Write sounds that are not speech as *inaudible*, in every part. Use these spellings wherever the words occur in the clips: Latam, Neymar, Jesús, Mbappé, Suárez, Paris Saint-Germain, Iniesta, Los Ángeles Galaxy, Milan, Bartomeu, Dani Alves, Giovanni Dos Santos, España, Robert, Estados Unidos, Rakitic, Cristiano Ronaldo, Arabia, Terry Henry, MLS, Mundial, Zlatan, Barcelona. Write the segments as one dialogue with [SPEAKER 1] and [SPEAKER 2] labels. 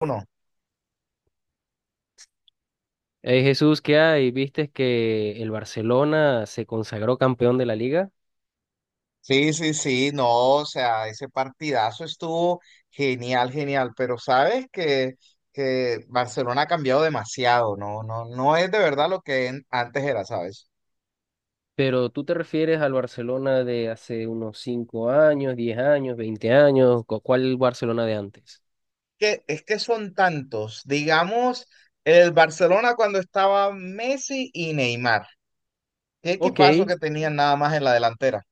[SPEAKER 1] Uno.
[SPEAKER 2] Hey Jesús, ¿qué hay? ¿Viste que el Barcelona se consagró campeón de la liga?
[SPEAKER 1] Sí, sí, sí, no, o sea, ese partidazo estuvo genial, genial, pero sabes que Barcelona ha cambiado demasiado, no, no, no es de verdad lo que antes era, ¿sabes?
[SPEAKER 2] Pero tú te refieres al Barcelona de hace unos 5 años, 10 años, 20 años, ¿cuál Barcelona de antes?
[SPEAKER 1] Que, es que son tantos, digamos, el Barcelona cuando estaba Messi y Neymar, qué equipazo
[SPEAKER 2] Ok,
[SPEAKER 1] que tenían nada más en la delantera.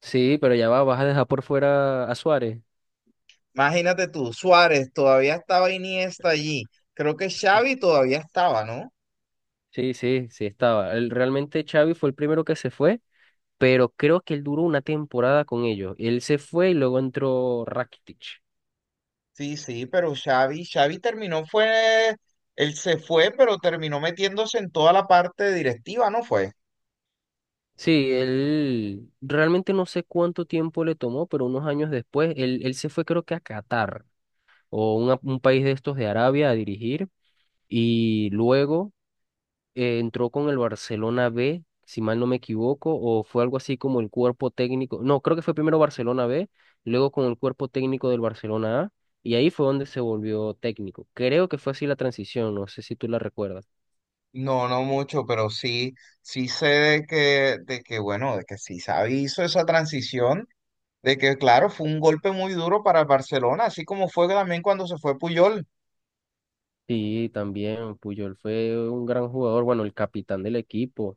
[SPEAKER 2] sí, pero ya va, vas a dejar por fuera a Suárez.
[SPEAKER 1] Imagínate tú, Suárez, todavía estaba Iniesta allí, creo que Xavi todavía estaba, ¿no?
[SPEAKER 2] Sí, sí, sí estaba. Realmente Xavi fue el primero que se fue, pero creo que él duró una temporada con ellos. Él se fue y luego entró Rakitic.
[SPEAKER 1] Sí, sí, pero Xavi terminó fue, él se fue, pero terminó metiéndose en toda la parte directiva, ¿no fue?
[SPEAKER 2] Sí, él realmente no sé cuánto tiempo le tomó, pero unos años después, él se fue creo que a Qatar o un país de estos de Arabia a dirigir y luego entró con el Barcelona B, si mal no me equivoco, o fue algo así como el cuerpo técnico, no, creo que fue primero Barcelona B, luego con el cuerpo técnico del Barcelona A y ahí fue donde se volvió técnico. Creo que fue así la transición, no sé si tú la recuerdas.
[SPEAKER 1] No, no mucho, pero sí, sí sé bueno, de que sí Xavi hizo esa transición, de que, claro, fue un golpe muy duro para el Barcelona, así como fue también cuando se fue Puyol.
[SPEAKER 2] Sí, también Puyol fue un gran jugador, bueno, el capitán del equipo.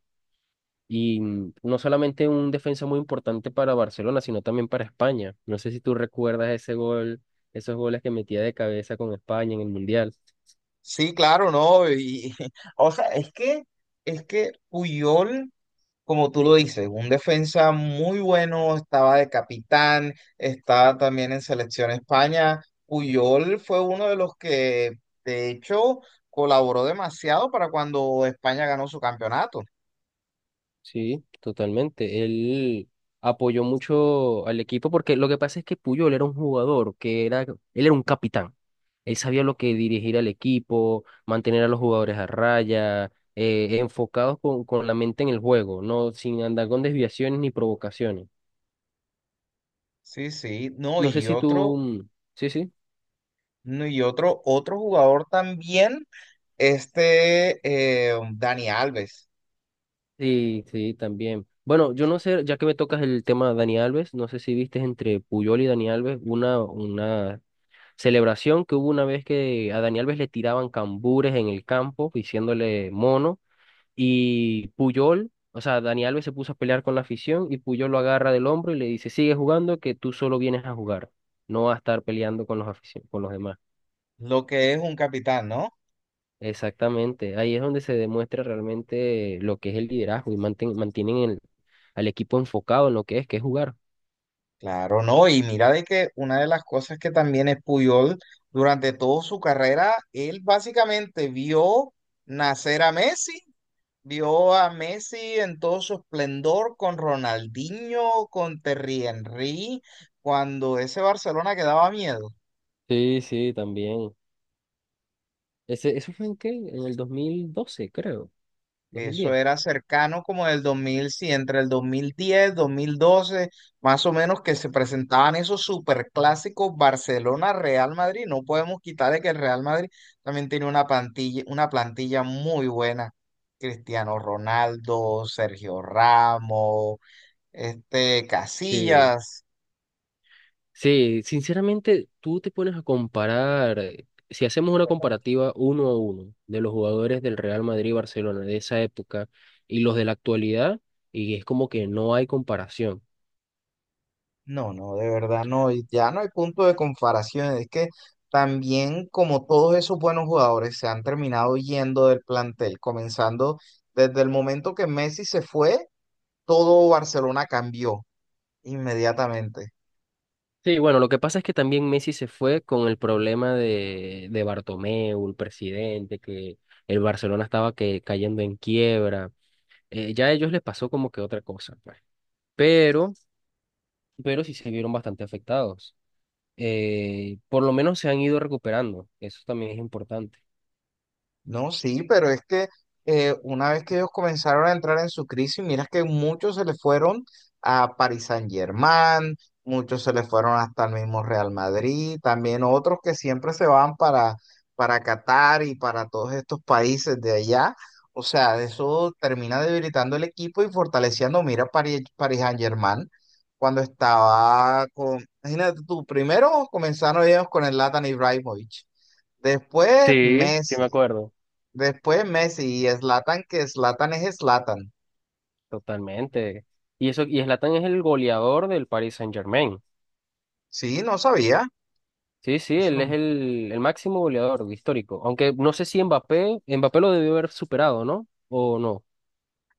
[SPEAKER 2] Y no solamente un defensa muy importante para Barcelona, sino también para España. No sé si tú recuerdas ese gol, esos goles que metía de cabeza con España en el Mundial.
[SPEAKER 1] Sí, claro, no, y, *laughs* o sea, es que Puyol como tú lo dices, un defensa muy bueno, estaba de capitán, estaba también en Selección España. Puyol fue uno de los que, de hecho, colaboró demasiado para cuando España ganó su campeonato.
[SPEAKER 2] Sí, totalmente. Él apoyó mucho al equipo porque lo que pasa es que Puyol era un jugador que era, él era un capitán. Él sabía lo que dirigir al equipo, mantener a los jugadores a raya, enfocados con la mente en el juego, no sin andar con desviaciones ni provocaciones.
[SPEAKER 1] Sí, sí, no,
[SPEAKER 2] No sé si tú, sí, sí.
[SPEAKER 1] no, y otro jugador también, este Dani Alves,
[SPEAKER 2] Sí, sí, también. Bueno, yo no sé, ya que me tocas el tema de Dani Alves, no sé si viste entre Puyol y Dani Alves una celebración que hubo una vez que a Dani Alves le tiraban cambures en el campo, diciéndole mono, y Puyol, o sea, Dani Alves se puso a pelear con la afición y Puyol lo agarra del hombro y le dice, sigue jugando, que tú solo vienes a jugar, no a estar peleando con los con los demás.
[SPEAKER 1] lo que es un capitán, ¿no?
[SPEAKER 2] Exactamente, ahí es donde se demuestra realmente lo que es el liderazgo y mantienen al equipo enfocado en lo que es jugar.
[SPEAKER 1] Claro, no, y mira de que una de las cosas que también es Puyol, durante toda su carrera, él básicamente vio nacer a Messi, vio a Messi en todo su esplendor con Ronaldinho, con Terry Henry, cuando ese Barcelona que daba miedo.
[SPEAKER 2] Sí, sí, también. Ese, ¿eso fue en qué? En el 2012 creo, dos mil
[SPEAKER 1] Eso
[SPEAKER 2] diez
[SPEAKER 1] era cercano como del dos mil, sí, entre el 2010, 2012 más o menos, que se presentaban esos superclásicos Barcelona-Real Madrid. No podemos quitarle que el Real Madrid también tiene una plantilla muy buena. Cristiano Ronaldo, Sergio Ramos, este,
[SPEAKER 2] Sí.
[SPEAKER 1] Casillas.
[SPEAKER 2] Sí, sinceramente, tú te pones a comparar, si hacemos una comparativa uno a uno de los jugadores del Real Madrid y Barcelona de esa época y los de la actualidad, y es como que no hay comparación.
[SPEAKER 1] No, no, de verdad no, y ya no hay punto de comparación, es que también como todos esos buenos jugadores se han terminado yendo del plantel, comenzando desde el momento que Messi se fue, todo Barcelona cambió inmediatamente.
[SPEAKER 2] Sí, bueno, lo que pasa es que también Messi se fue con el problema de Bartomeu, el presidente, que el Barcelona estaba que, cayendo en quiebra. Ya a ellos les pasó como que otra cosa, pues. Pero, pero sí se vieron bastante afectados. Por lo menos se han ido recuperando. Eso también es importante.
[SPEAKER 1] No, sí, pero es que una vez que ellos comenzaron a entrar en su crisis, miras que muchos se le fueron a Paris Saint-Germain, muchos se le fueron hasta el mismo Real Madrid, también otros que siempre se van para, Qatar y para todos estos países de allá. O sea, eso termina debilitando el equipo y fortaleciendo. Mira, Paris Saint-Germain, cuando estaba con, imagínate tú, primero comenzaron ellos con el Zlatan Ibrahimovic. Después
[SPEAKER 2] Sí, sí me
[SPEAKER 1] Messi,
[SPEAKER 2] acuerdo.
[SPEAKER 1] Después Messi y Zlatan, que Zlatan es Zlatan.
[SPEAKER 2] Totalmente. Y eso, y Zlatan es el goleador del Paris Saint-Germain.
[SPEAKER 1] Sí, no sabía.
[SPEAKER 2] Sí, sí,
[SPEAKER 1] Eso
[SPEAKER 2] él es
[SPEAKER 1] no-
[SPEAKER 2] el máximo goleador histórico. Aunque no sé si Mbappé, Mbappé lo debió haber superado, ¿no? O no.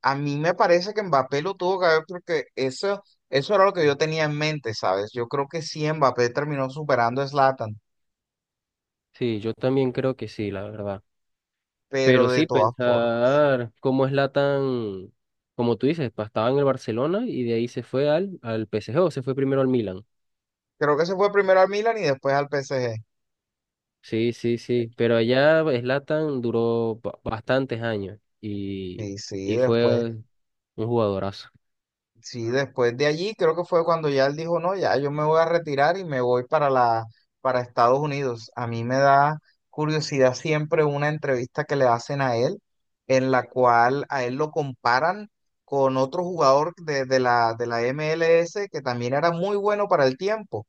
[SPEAKER 1] A mí me parece que Mbappé lo tuvo que haber porque eso era lo que yo tenía en mente, ¿sabes? Yo creo que sí, Mbappé terminó superando a Zlatan,
[SPEAKER 2] Sí, yo también creo que sí, la verdad.
[SPEAKER 1] pero
[SPEAKER 2] Pero
[SPEAKER 1] de
[SPEAKER 2] sí,
[SPEAKER 1] todas formas.
[SPEAKER 2] pensar cómo es Latan, como tú dices, estaba en el Barcelona y de ahí se fue al, al PSG o se fue primero al Milan.
[SPEAKER 1] Creo que se fue primero al Milan y después al PSG.
[SPEAKER 2] Sí, sí, sí. Pero allá Latan duró bastantes años y,
[SPEAKER 1] Sí, sí,
[SPEAKER 2] y
[SPEAKER 1] después.
[SPEAKER 2] fue un jugadorazo.
[SPEAKER 1] Sí, después de allí creo que fue cuando ya él dijo, no, ya yo me voy a retirar y me voy para Estados Unidos. A mí me da curiosidad siempre una entrevista que le hacen a él, en la cual a él lo comparan con otro jugador de la MLS, que también era muy bueno para el tiempo.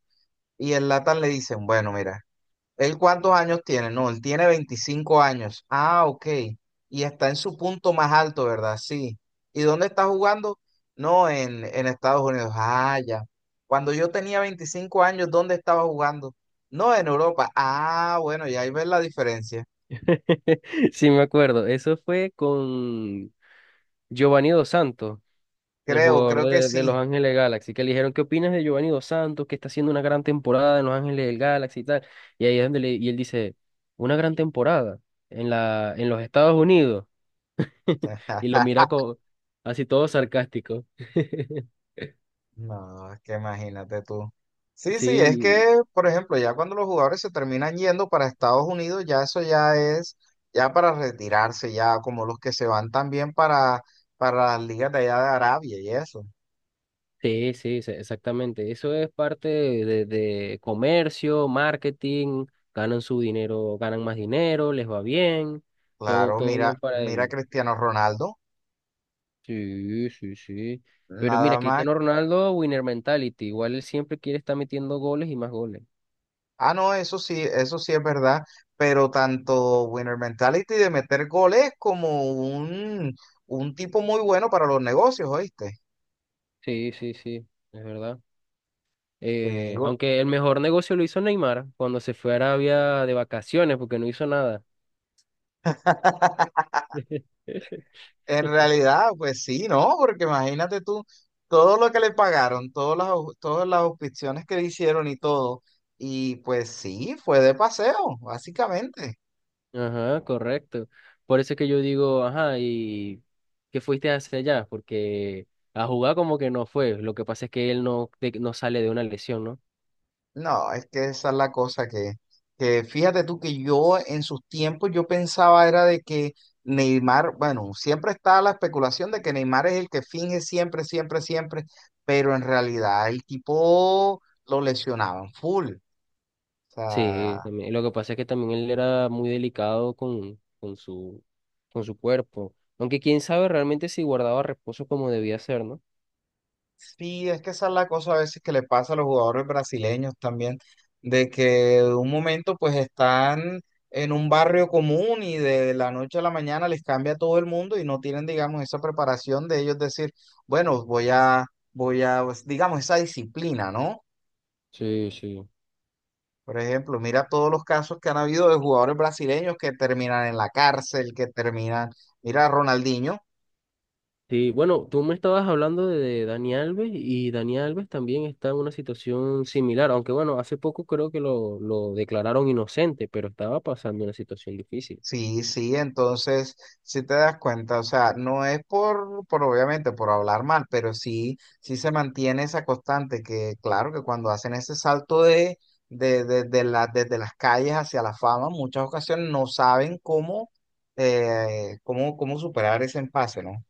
[SPEAKER 1] Y el Latam le dicen, bueno, mira. ¿Él cuántos años tiene? No, él tiene 25 años. Ah, ok. Y está en su punto más alto, ¿verdad? Sí. ¿Y dónde está jugando? No, en Estados Unidos. Ah, ya. Cuando yo tenía 25 años, ¿dónde estaba jugando? No, en Europa. Ah, bueno, y ahí ves la diferencia.
[SPEAKER 2] *laughs* Sí, me acuerdo. Eso fue con Giovanni Dos Santos. El
[SPEAKER 1] Creo,
[SPEAKER 2] jugador
[SPEAKER 1] creo que
[SPEAKER 2] de Los
[SPEAKER 1] sí.
[SPEAKER 2] Ángeles Galaxy, que le dijeron, ¿qué opinas de Giovanni Dos Santos, que está haciendo una gran temporada en Los Ángeles del Galaxy y tal? Y ahí es donde y él dice, una gran temporada en en los Estados Unidos. *laughs* Y lo
[SPEAKER 1] *laughs*
[SPEAKER 2] mira así todo sarcástico. *laughs*
[SPEAKER 1] No, es que imagínate tú. Sí, sí, es
[SPEAKER 2] Sí,
[SPEAKER 1] que, por ejemplo, ya cuando los jugadores se terminan yendo para Estados Unidos, ya eso ya es, ya para retirarse, ya como los que se van también para las ligas de allá de Arabia y eso.
[SPEAKER 2] sí, sí, sí, exactamente. Eso es parte de comercio, marketing, ganan su dinero, ganan más dinero, les va bien, todo,
[SPEAKER 1] Claro,
[SPEAKER 2] todo
[SPEAKER 1] mira,
[SPEAKER 2] bien para
[SPEAKER 1] mira a
[SPEAKER 2] ellos.
[SPEAKER 1] Cristiano Ronaldo,
[SPEAKER 2] Sí, sí, sí. Pero mira,
[SPEAKER 1] nada más.
[SPEAKER 2] Cristiano Ronaldo, winner mentality. Igual él siempre quiere estar metiendo goles y más goles.
[SPEAKER 1] Ah, no, eso sí es verdad, pero tanto Winner Mentality de meter goles como un tipo muy bueno para los negocios, ¿oíste?
[SPEAKER 2] Sí, sí, sí, es verdad.
[SPEAKER 1] Te digo.
[SPEAKER 2] Aunque el mejor negocio lo hizo Neymar cuando se fue a Arabia de vacaciones porque no hizo nada.
[SPEAKER 1] *laughs*
[SPEAKER 2] *laughs*
[SPEAKER 1] En realidad, pues sí, ¿no? Porque imagínate tú, todo lo que le pagaron, todas las auspiciones que le hicieron y todo, y pues sí, fue de paseo, básicamente.
[SPEAKER 2] Ajá, correcto. Por eso es que yo digo, ajá, ¿y qué fuiste hacia allá? Porque a jugar como que no fue. Lo que pasa es que él no, no sale de una lesión, ¿no?
[SPEAKER 1] No, es que esa es la cosa que fíjate tú que yo en sus tiempos yo pensaba era de que Neymar, bueno, siempre está la especulación de que Neymar es el que finge siempre, siempre, siempre, pero en realidad el tipo lo lesionaban full. O
[SPEAKER 2] Sí,
[SPEAKER 1] sea,
[SPEAKER 2] también. Lo que pasa es que también él era muy delicado con su cuerpo. Aunque quién sabe realmente si guardaba reposo como debía ser, ¿no?
[SPEAKER 1] sí, es que esa es la cosa a veces que le pasa a los jugadores brasileños también, de que de un momento pues están en un barrio común y de la noche a la mañana les cambia todo el mundo y no tienen, digamos, esa preparación de ellos decir, bueno, pues, digamos, esa disciplina, ¿no?
[SPEAKER 2] Sí, sí.
[SPEAKER 1] Por ejemplo, mira todos los casos que han habido de jugadores brasileños que terminan en la cárcel, que terminan, mira a Ronaldinho.
[SPEAKER 2] Sí, bueno, tú me estabas hablando de Dani Alves y Dani Alves también está en una situación similar, aunque bueno, hace poco creo que lo declararon inocente, pero estaba pasando una situación difícil.
[SPEAKER 1] Sí, sí, entonces, si te das cuenta, o sea, no es por, obviamente, por hablar mal, pero sí, sí se mantiene esa constante que, claro, que cuando hacen ese salto de, desde las calles hacia la fama, muchas ocasiones no saben cómo superar ese empase, ¿no?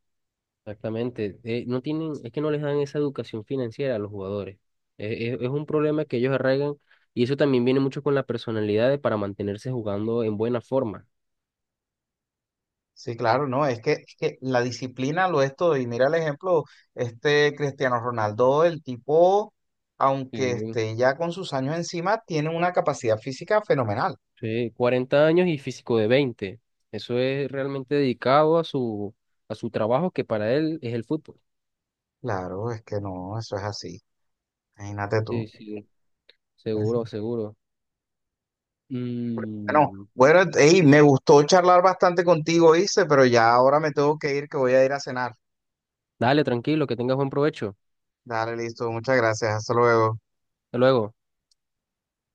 [SPEAKER 2] Exactamente. No tienen, es que no les dan esa educación financiera a los jugadores. Es un problema que ellos arraigan y eso también viene mucho con la personalidad de para mantenerse jugando en buena forma.
[SPEAKER 1] Sí, claro, no, es que la disciplina lo es todo. Y mira el ejemplo, este Cristiano Ronaldo, el tipo, aunque
[SPEAKER 2] Sí.
[SPEAKER 1] esté ya con sus años encima, tiene una capacidad física fenomenal.
[SPEAKER 2] Sí, 40 años y físico de 20. Eso es realmente dedicado a su trabajo que para él es el fútbol.
[SPEAKER 1] Claro, es que no, eso es así. Imagínate tú.
[SPEAKER 2] Sí, sí,
[SPEAKER 1] Es-
[SPEAKER 2] seguro, seguro.
[SPEAKER 1] Bueno,
[SPEAKER 2] Mm,
[SPEAKER 1] bueno, ey, me gustó charlar bastante contigo, Ice, pero ya ahora me tengo que ir, que voy a ir a cenar.
[SPEAKER 2] Dale, tranquilo, que tengas buen provecho.
[SPEAKER 1] Dale, listo, muchas gracias, hasta luego.
[SPEAKER 2] Hasta luego.